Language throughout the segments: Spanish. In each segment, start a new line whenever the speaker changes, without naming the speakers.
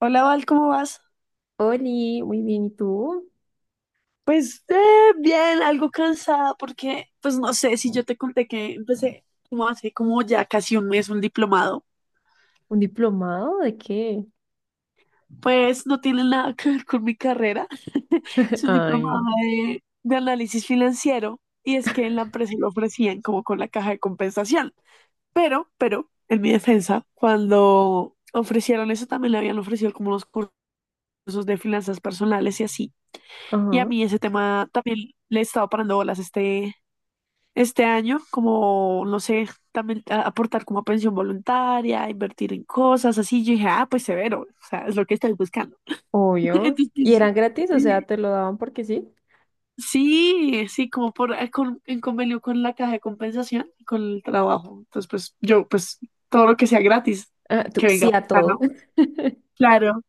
Hola Val, ¿cómo vas?
Oli, muy bien, ¿y tú?
Pues bien, algo cansada porque, pues no sé si yo te conté que empecé como hace como ya casi un mes un diplomado,
¿Un diplomado de qué?
pues no tiene nada que ver con mi carrera, es un
Ay,
diplomado
no.
de análisis financiero y es que en la empresa lo ofrecían como con la caja de compensación, pero, en mi defensa, cuando ofrecieron eso también le habían ofrecido como los cursos de finanzas personales y así, y a
Ajá.
mí ese tema también le he estado parando bolas este año, como, no sé, también aportar como a pensión voluntaria, invertir en cosas así. Yo dije, ah, pues severo, o sea, es lo que estoy buscando.
Obvio.
Entonces,
¿Y eran gratis? O
pues, eh,
sea, ¿te lo daban porque sí?
sí, sí, como por, en convenio con la caja de compensación y con el trabajo. Entonces, pues yo, pues todo lo que sea gratis,
Ah, tú,
que
sí
venga,
a todo.
¿no? Claro.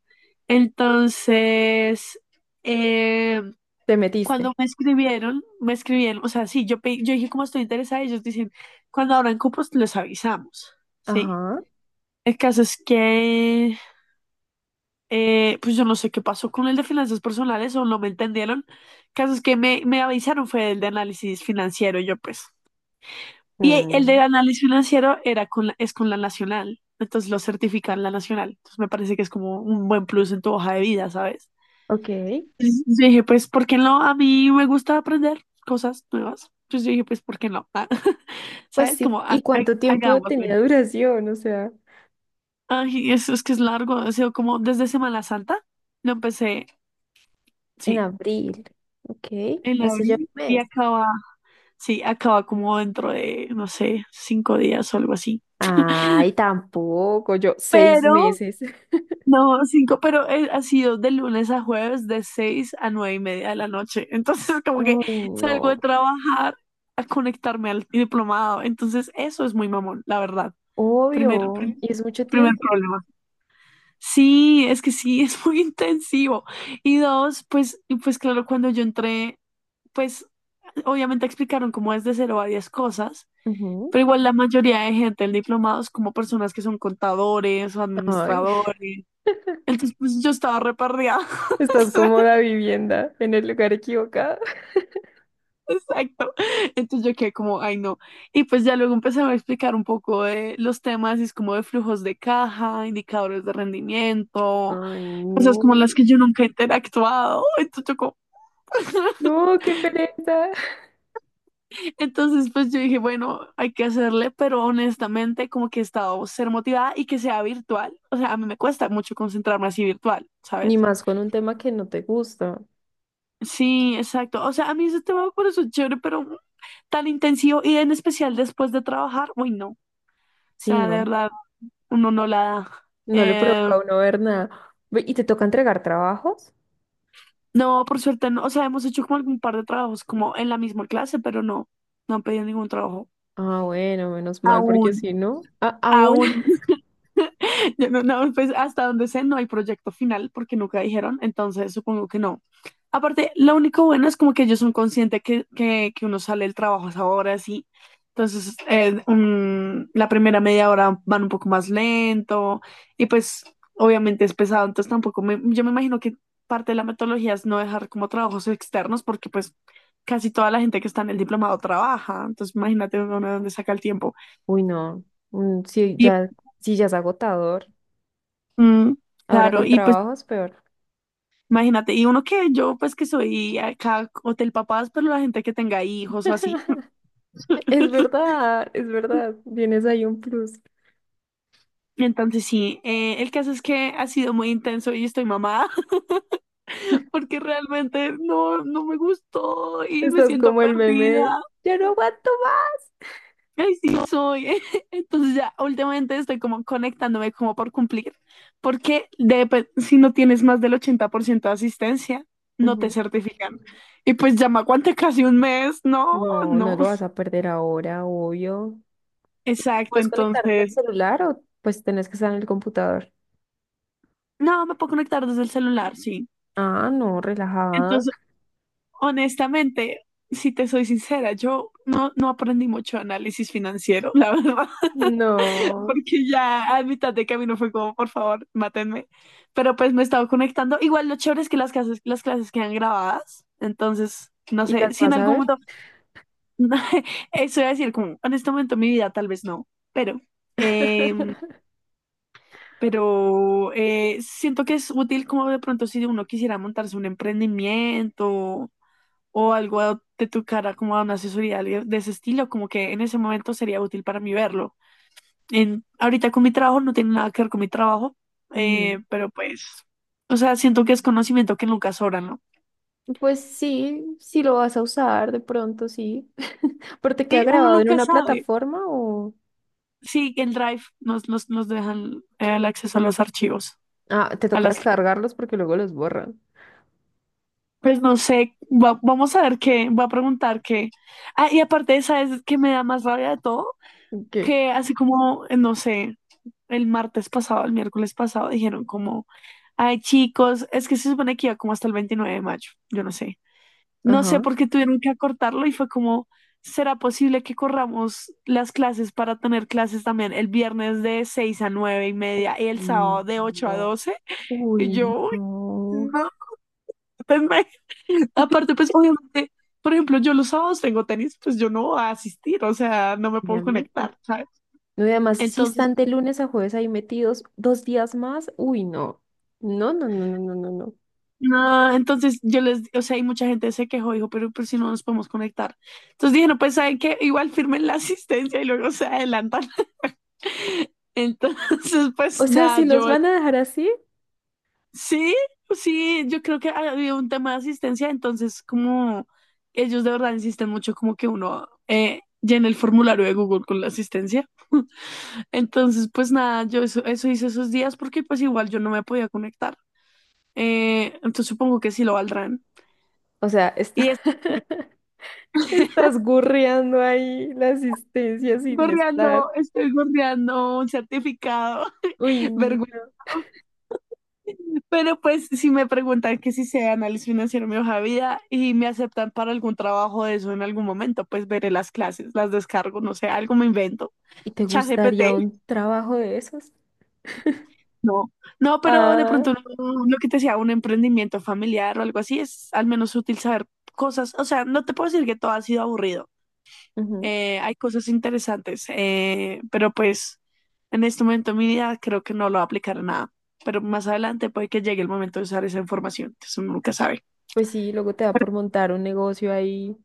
Entonces, em,
Te metiste.
cuando me escribieron, o sea, sí, yo dije como estoy interesada, y ellos dicen, cuando abran cupos les avisamos, ¿sí?
Ajá.
El caso es que, pues yo no sé qué pasó con el de finanzas personales o no me entendieron. El caso es que me avisaron fue el de análisis financiero, yo pues. Y el de
Mm,
análisis financiero era con es con la nacional, entonces lo certifican la nacional. Entonces me parece que es como un buen plus en tu hoja de vida, ¿sabes?
ok.
Y dije, pues, ¿por qué no? A mí me gusta aprender cosas nuevas. Entonces yo dije, pues, ¿por qué no? Ah,
Pues
¿Sabes?
sí.
Como,
¿Y cuánto tiempo
hagámosle.
tenía duración? O sea,
Ay, eso es que es largo. Ha sido como desde Semana Santa. Lo empecé,
en
sí,
abril. Ok,
en
hace ya un
abril y
mes.
acaba, sí, acaba como dentro de, no sé, 5 días o algo así.
Ay, tampoco, yo seis
Pero
meses.
no, cinco, pero ha sido de lunes a jueves de 6:00 a 9:30 de la noche. Entonces, como que
Ay, no,
salgo de trabajar a conectarme al diplomado. Entonces, eso es muy mamón, la verdad. Primer,
obvio. Y
prim-
es mucho
primer
tiempo.
problema. Sí, es que sí, es muy intensivo. Y dos, pues, y pues claro, cuando yo entré, pues obviamente explicaron cómo es de 0 a 10 cosas.
Ujú.
Pero igual la mayoría de gente del diplomado es como personas que son contadores o
Ay.
administradores, entonces pues yo estaba repartida.
Estás cómoda vivienda en el lugar equivocado.
Exacto. Entonces yo quedé como, ay no. Y pues ya luego empezaron a explicar un poco de los temas, y es como de flujos de caja, indicadores de rendimiento,
Ay,
cosas
no.
como las que yo nunca he interactuado. Entonces,
No, qué pereza.
entonces pues yo dije, bueno, hay que hacerle, pero honestamente como que he estado ser motivada y que sea virtual. O sea, a mí me cuesta mucho concentrarme así virtual,
Ni
¿sabes?
más con un tema que no te gusta.
Sí, exacto. O sea, a mí ese tema por eso es chévere, pero tan intensivo y en especial después de trabajar, uy, no. O
Sí,
sea, de
no.
verdad, uno no la da.
No le
Eh,
provoca a uno ver nada. Ve, ¿y te toca entregar trabajos?
no, por suerte no. O sea, hemos hecho como algún par de trabajos como en la misma clase, pero no, no han pedido ningún trabajo.
Ah, bueno, menos mal, porque
Aún,
si no, aún.
aún. Ya no, no, pues hasta donde sé, no hay proyecto final porque nunca dijeron, entonces supongo que no. Aparte, lo único bueno es como que ellos son conscientes que uno sale del trabajo a esa hora, así. Entonces, la primera media hora van un poco más lento y pues obviamente es pesado, entonces tampoco me, yo me imagino que parte de la metodología es no dejar como trabajos externos porque pues casi toda la gente que está en el diplomado trabaja, entonces imagínate uno de dónde saca el tiempo.
Uy, no. Mm, sí,
Y
ya, sí, ya es agotador.
mm,
Ahora
claro,
con
y pues
trabajos, peor.
imagínate, y uno que yo, pues que soy acá hotel papás, pero la gente que tenga hijos o así.
Es verdad, es verdad. Tienes ahí un plus.
Entonces sí, el caso es que ha sido muy intenso y estoy mamada porque realmente no, no me gustó y me
Estás
siento
como el meme de,
perdida.
ya no aguanto más.
Ay, sí, no soy. Entonces ya últimamente estoy como conectándome como por cumplir, porque pues, si no tienes más del 80% de asistencia, no te
Ujú.
certifican. Y pues ya me aguanté casi un mes. No,
No, no
no.
lo vas a perder ahora, obvio.
Exacto,
¿Puedes conectar del
entonces
celular o pues tenés que estar en el computador?
no, me puedo conectar desde el celular, sí.
Ah, no, relajada.
Entonces, honestamente, si te soy sincera, yo no, no aprendí mucho de análisis financiero, la verdad,
No.
porque ya a mitad de camino fue como, por favor, mátenme. Pero pues me he estado conectando. Igual lo chévere es que las clases quedan grabadas, entonces, no
¿Y
sé,
las
si en
vas a
algún
ver?
momento, eso iba a decir, como, en este momento de mi vida tal vez no, pero em, pero siento que es útil como de pronto si uno quisiera montarse un emprendimiento o algo de tu cara como a una asesoría de ese estilo, como que en ese momento sería útil para mí verlo. En, ahorita con mi trabajo no tiene nada que ver con mi trabajo,
Mm,
pero pues, o sea, siento que es conocimiento que nunca sobra, ¿no?
pues sí, sí lo vas a usar de pronto, sí. ¿Pero te
Sí,
queda
uno
grabado en
nunca
una
sabe.
plataforma o...?
Sí, en Drive nos dejan el acceso a los archivos,
Ah, te
a
toca
las...
descargarlos porque luego los borran.
Pues no sé, vamos a ver qué, va a preguntar qué. Ah, y aparte, ¿sabes qué me da más rabia de todo?
¿Qué?
Que así como, no sé, el martes pasado, el miércoles pasado, dijeron como, ay chicos, es que se supone que iba como hasta el 29 de mayo, yo no sé. No sé
Ajá.
por qué tuvieron que acortarlo y fue como, ¿será posible que corramos las clases para tener clases también el viernes de 6:00 a 9:30 y el
Mm,
sábado de ocho a
no.
doce Y
Uy,
yo, "Uy,
no.
no", pues me- aparte, pues obviamente, por ejemplo, yo los sábados tengo tenis, pues yo no voy a asistir, o sea, no me puedo
Obviamente.
conectar, ¿sabes?
No, y además, si
Entonces,
están de lunes a jueves ahí metidos 2 días más, uy, no. No, no, no, no, no, no, no.
no entonces yo les, o sea, hay mucha gente se quejó, dijo, pero si no nos podemos conectar. Entonces dije, no, pues saben que igual firmen la asistencia y luego se adelantan. Entonces,
O
pues
sea,
nada,
si los
yo
van a dejar así,
sí, sí, yo creo que había un tema de asistencia, entonces como ellos de verdad insisten mucho como que uno llene el formulario de Google con la asistencia. Entonces, pues nada, yo eso hice esos días porque pues igual yo no me podía conectar. Entonces supongo que sí lo valdrán.
o sea, está
Y
estás gurreando ahí la asistencia sin estar.
gorreando, estoy gorreando un certificado.
Uy,
Vergüenza.
no.
Pero pues si me preguntan que si sé análisis financiero en mi hoja de vida y me aceptan para algún trabajo de eso en algún momento, pues veré las clases, las descargo, no sé, algo me invento.
¿Y te
ChatGPT,
gustaría un trabajo de esos?
no. No, pero de
Ah,
pronto no- lo que te decía, un emprendimiento familiar o algo así es al menos útil saber cosas. O sea, no te puedo decir que todo ha sido aburrido.
ujú.
Eh, hay cosas interesantes, pero pues en este momento mi vida creo que no lo va a aplicar a nada, pero más adelante puede que llegue el momento de usar esa información, entonces uno nunca sabe.
Pues sí, luego te da por montar un negocio ahí.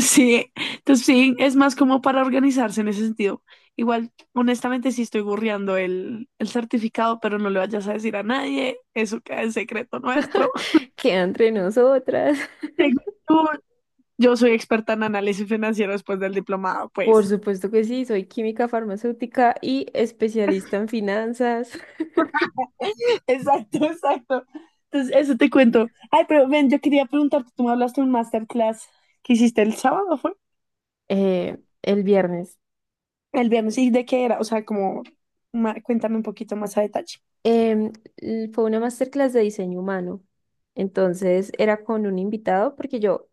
Sí, entonces sí, es más como para organizarse en ese sentido. Igual, honestamente, sí estoy burreando el certificado, pero no le vayas a decir a nadie, eso queda en secreto nuestro.
Queda entre nosotras.
Según tú, yo soy experta en análisis financiero después del diplomado,
Por
pues.
supuesto que sí, soy química farmacéutica y especialista en finanzas.
Exacto, exacto. Entonces, eso te cuento. Ay, pero ven, yo quería preguntarte, tú me hablaste de un masterclass que hiciste el sábado, ¿fue?
El viernes.
El viernes, ¿y de qué era? O sea, como, cuéntame un poquito más a detalle.
Em, Fue una masterclass de diseño humano. Entonces era con un invitado porque yo,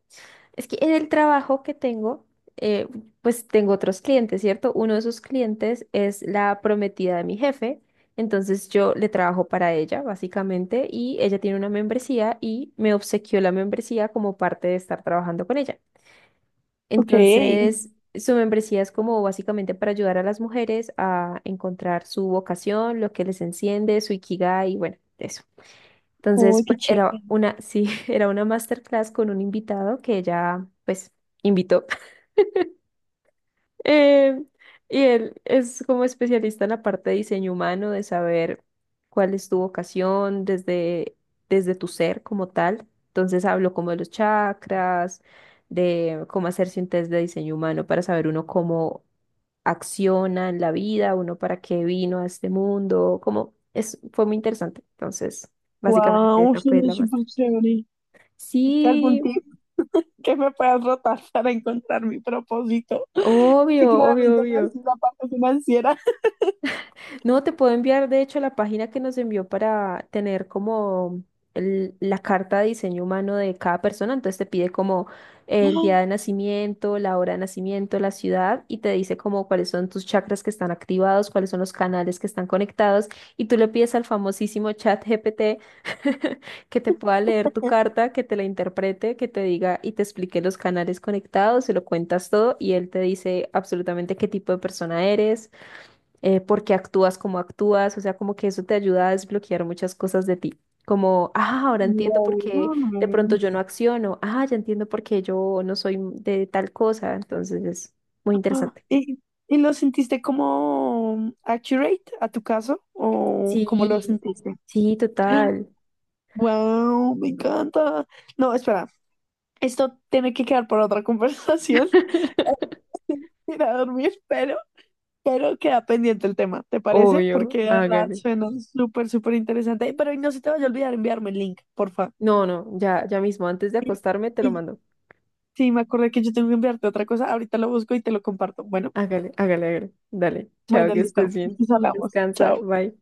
es que en el trabajo que tengo, eh, pues tengo otros clientes, ¿cierto? Uno de esos clientes es la prometida de mi jefe. Entonces yo le trabajo para ella, básicamente, y ella tiene una membresía y me obsequió la membresía como parte de estar trabajando con ella.
Ok.
Entonces, su membresía es como básicamente para ayudar a las mujeres a encontrar su vocación, lo que les enciende, su ikigai, y bueno, eso. Entonces,
Uy, qué
pues era
chévere.
una, sí, era una masterclass con un invitado que ella, pues, invitó. Eh, y él es como especialista en la parte de diseño humano, de saber cuál es tu vocación desde tu ser como tal. Entonces hablo como de los chakras, de cómo hacerse un test de diseño humano para saber uno cómo acciona en la vida, uno para qué vino a este mundo, como es, fue muy interesante. Entonces, básicamente
Wow,
esa fue
suena
la maestra.
súper chévere. ¿Es que algún
Sí,
tip que me puedas rotar para encontrar mi propósito? Que
obvio, obvio,
claramente no
obvio.
es la parte financiera.
No, te puedo enviar, de hecho, la página que nos envió para tener como la carta de diseño humano de cada persona. Entonces te pide como el día de nacimiento, la hora de nacimiento, la ciudad y te dice como cuáles son tus chakras que están activados, cuáles son los canales que están conectados. Y tú le pides al famosísimo chat GPT que te pueda leer tu carta, que te la interprete, que te diga y te explique los canales conectados, se lo cuentas todo y él te dice absolutamente qué tipo de persona eres, por qué actúas como actúas, o sea, como que eso te ayuda a desbloquear muchas cosas de ti. Como, ah, ahora entiendo por
Wow.
qué de pronto yo no acciono, ah, ya entiendo por qué yo no soy de tal cosa, entonces es muy
Ah,
interesante.
¿y, y lo sentiste como accurate a tu caso o cómo lo
Sí,
sentiste?
sí, total.
Wow, me encanta. No, espera, esto tiene que quedar para otra conversación. Ahora tengo que ir a dormir, pero, queda pendiente el tema, ¿te parece?
Obvio,
Porque de verdad
hágale.
suena súper, súper interesante. Pero no se te vaya a olvidar enviarme el link, porfa.
No, no, ya, ya mismo, antes de
Y-
acostarme te lo
y-
mando.
Sí, me acordé que yo tengo que enviarte otra cosa. Ahorita lo busco y te lo comparto. Bueno,
Hágale, hágale, hágale. Dale, chao,
bueno,
que
listo.
estés bien.
Nos hablamos.
Descansa,
Chao.
bye.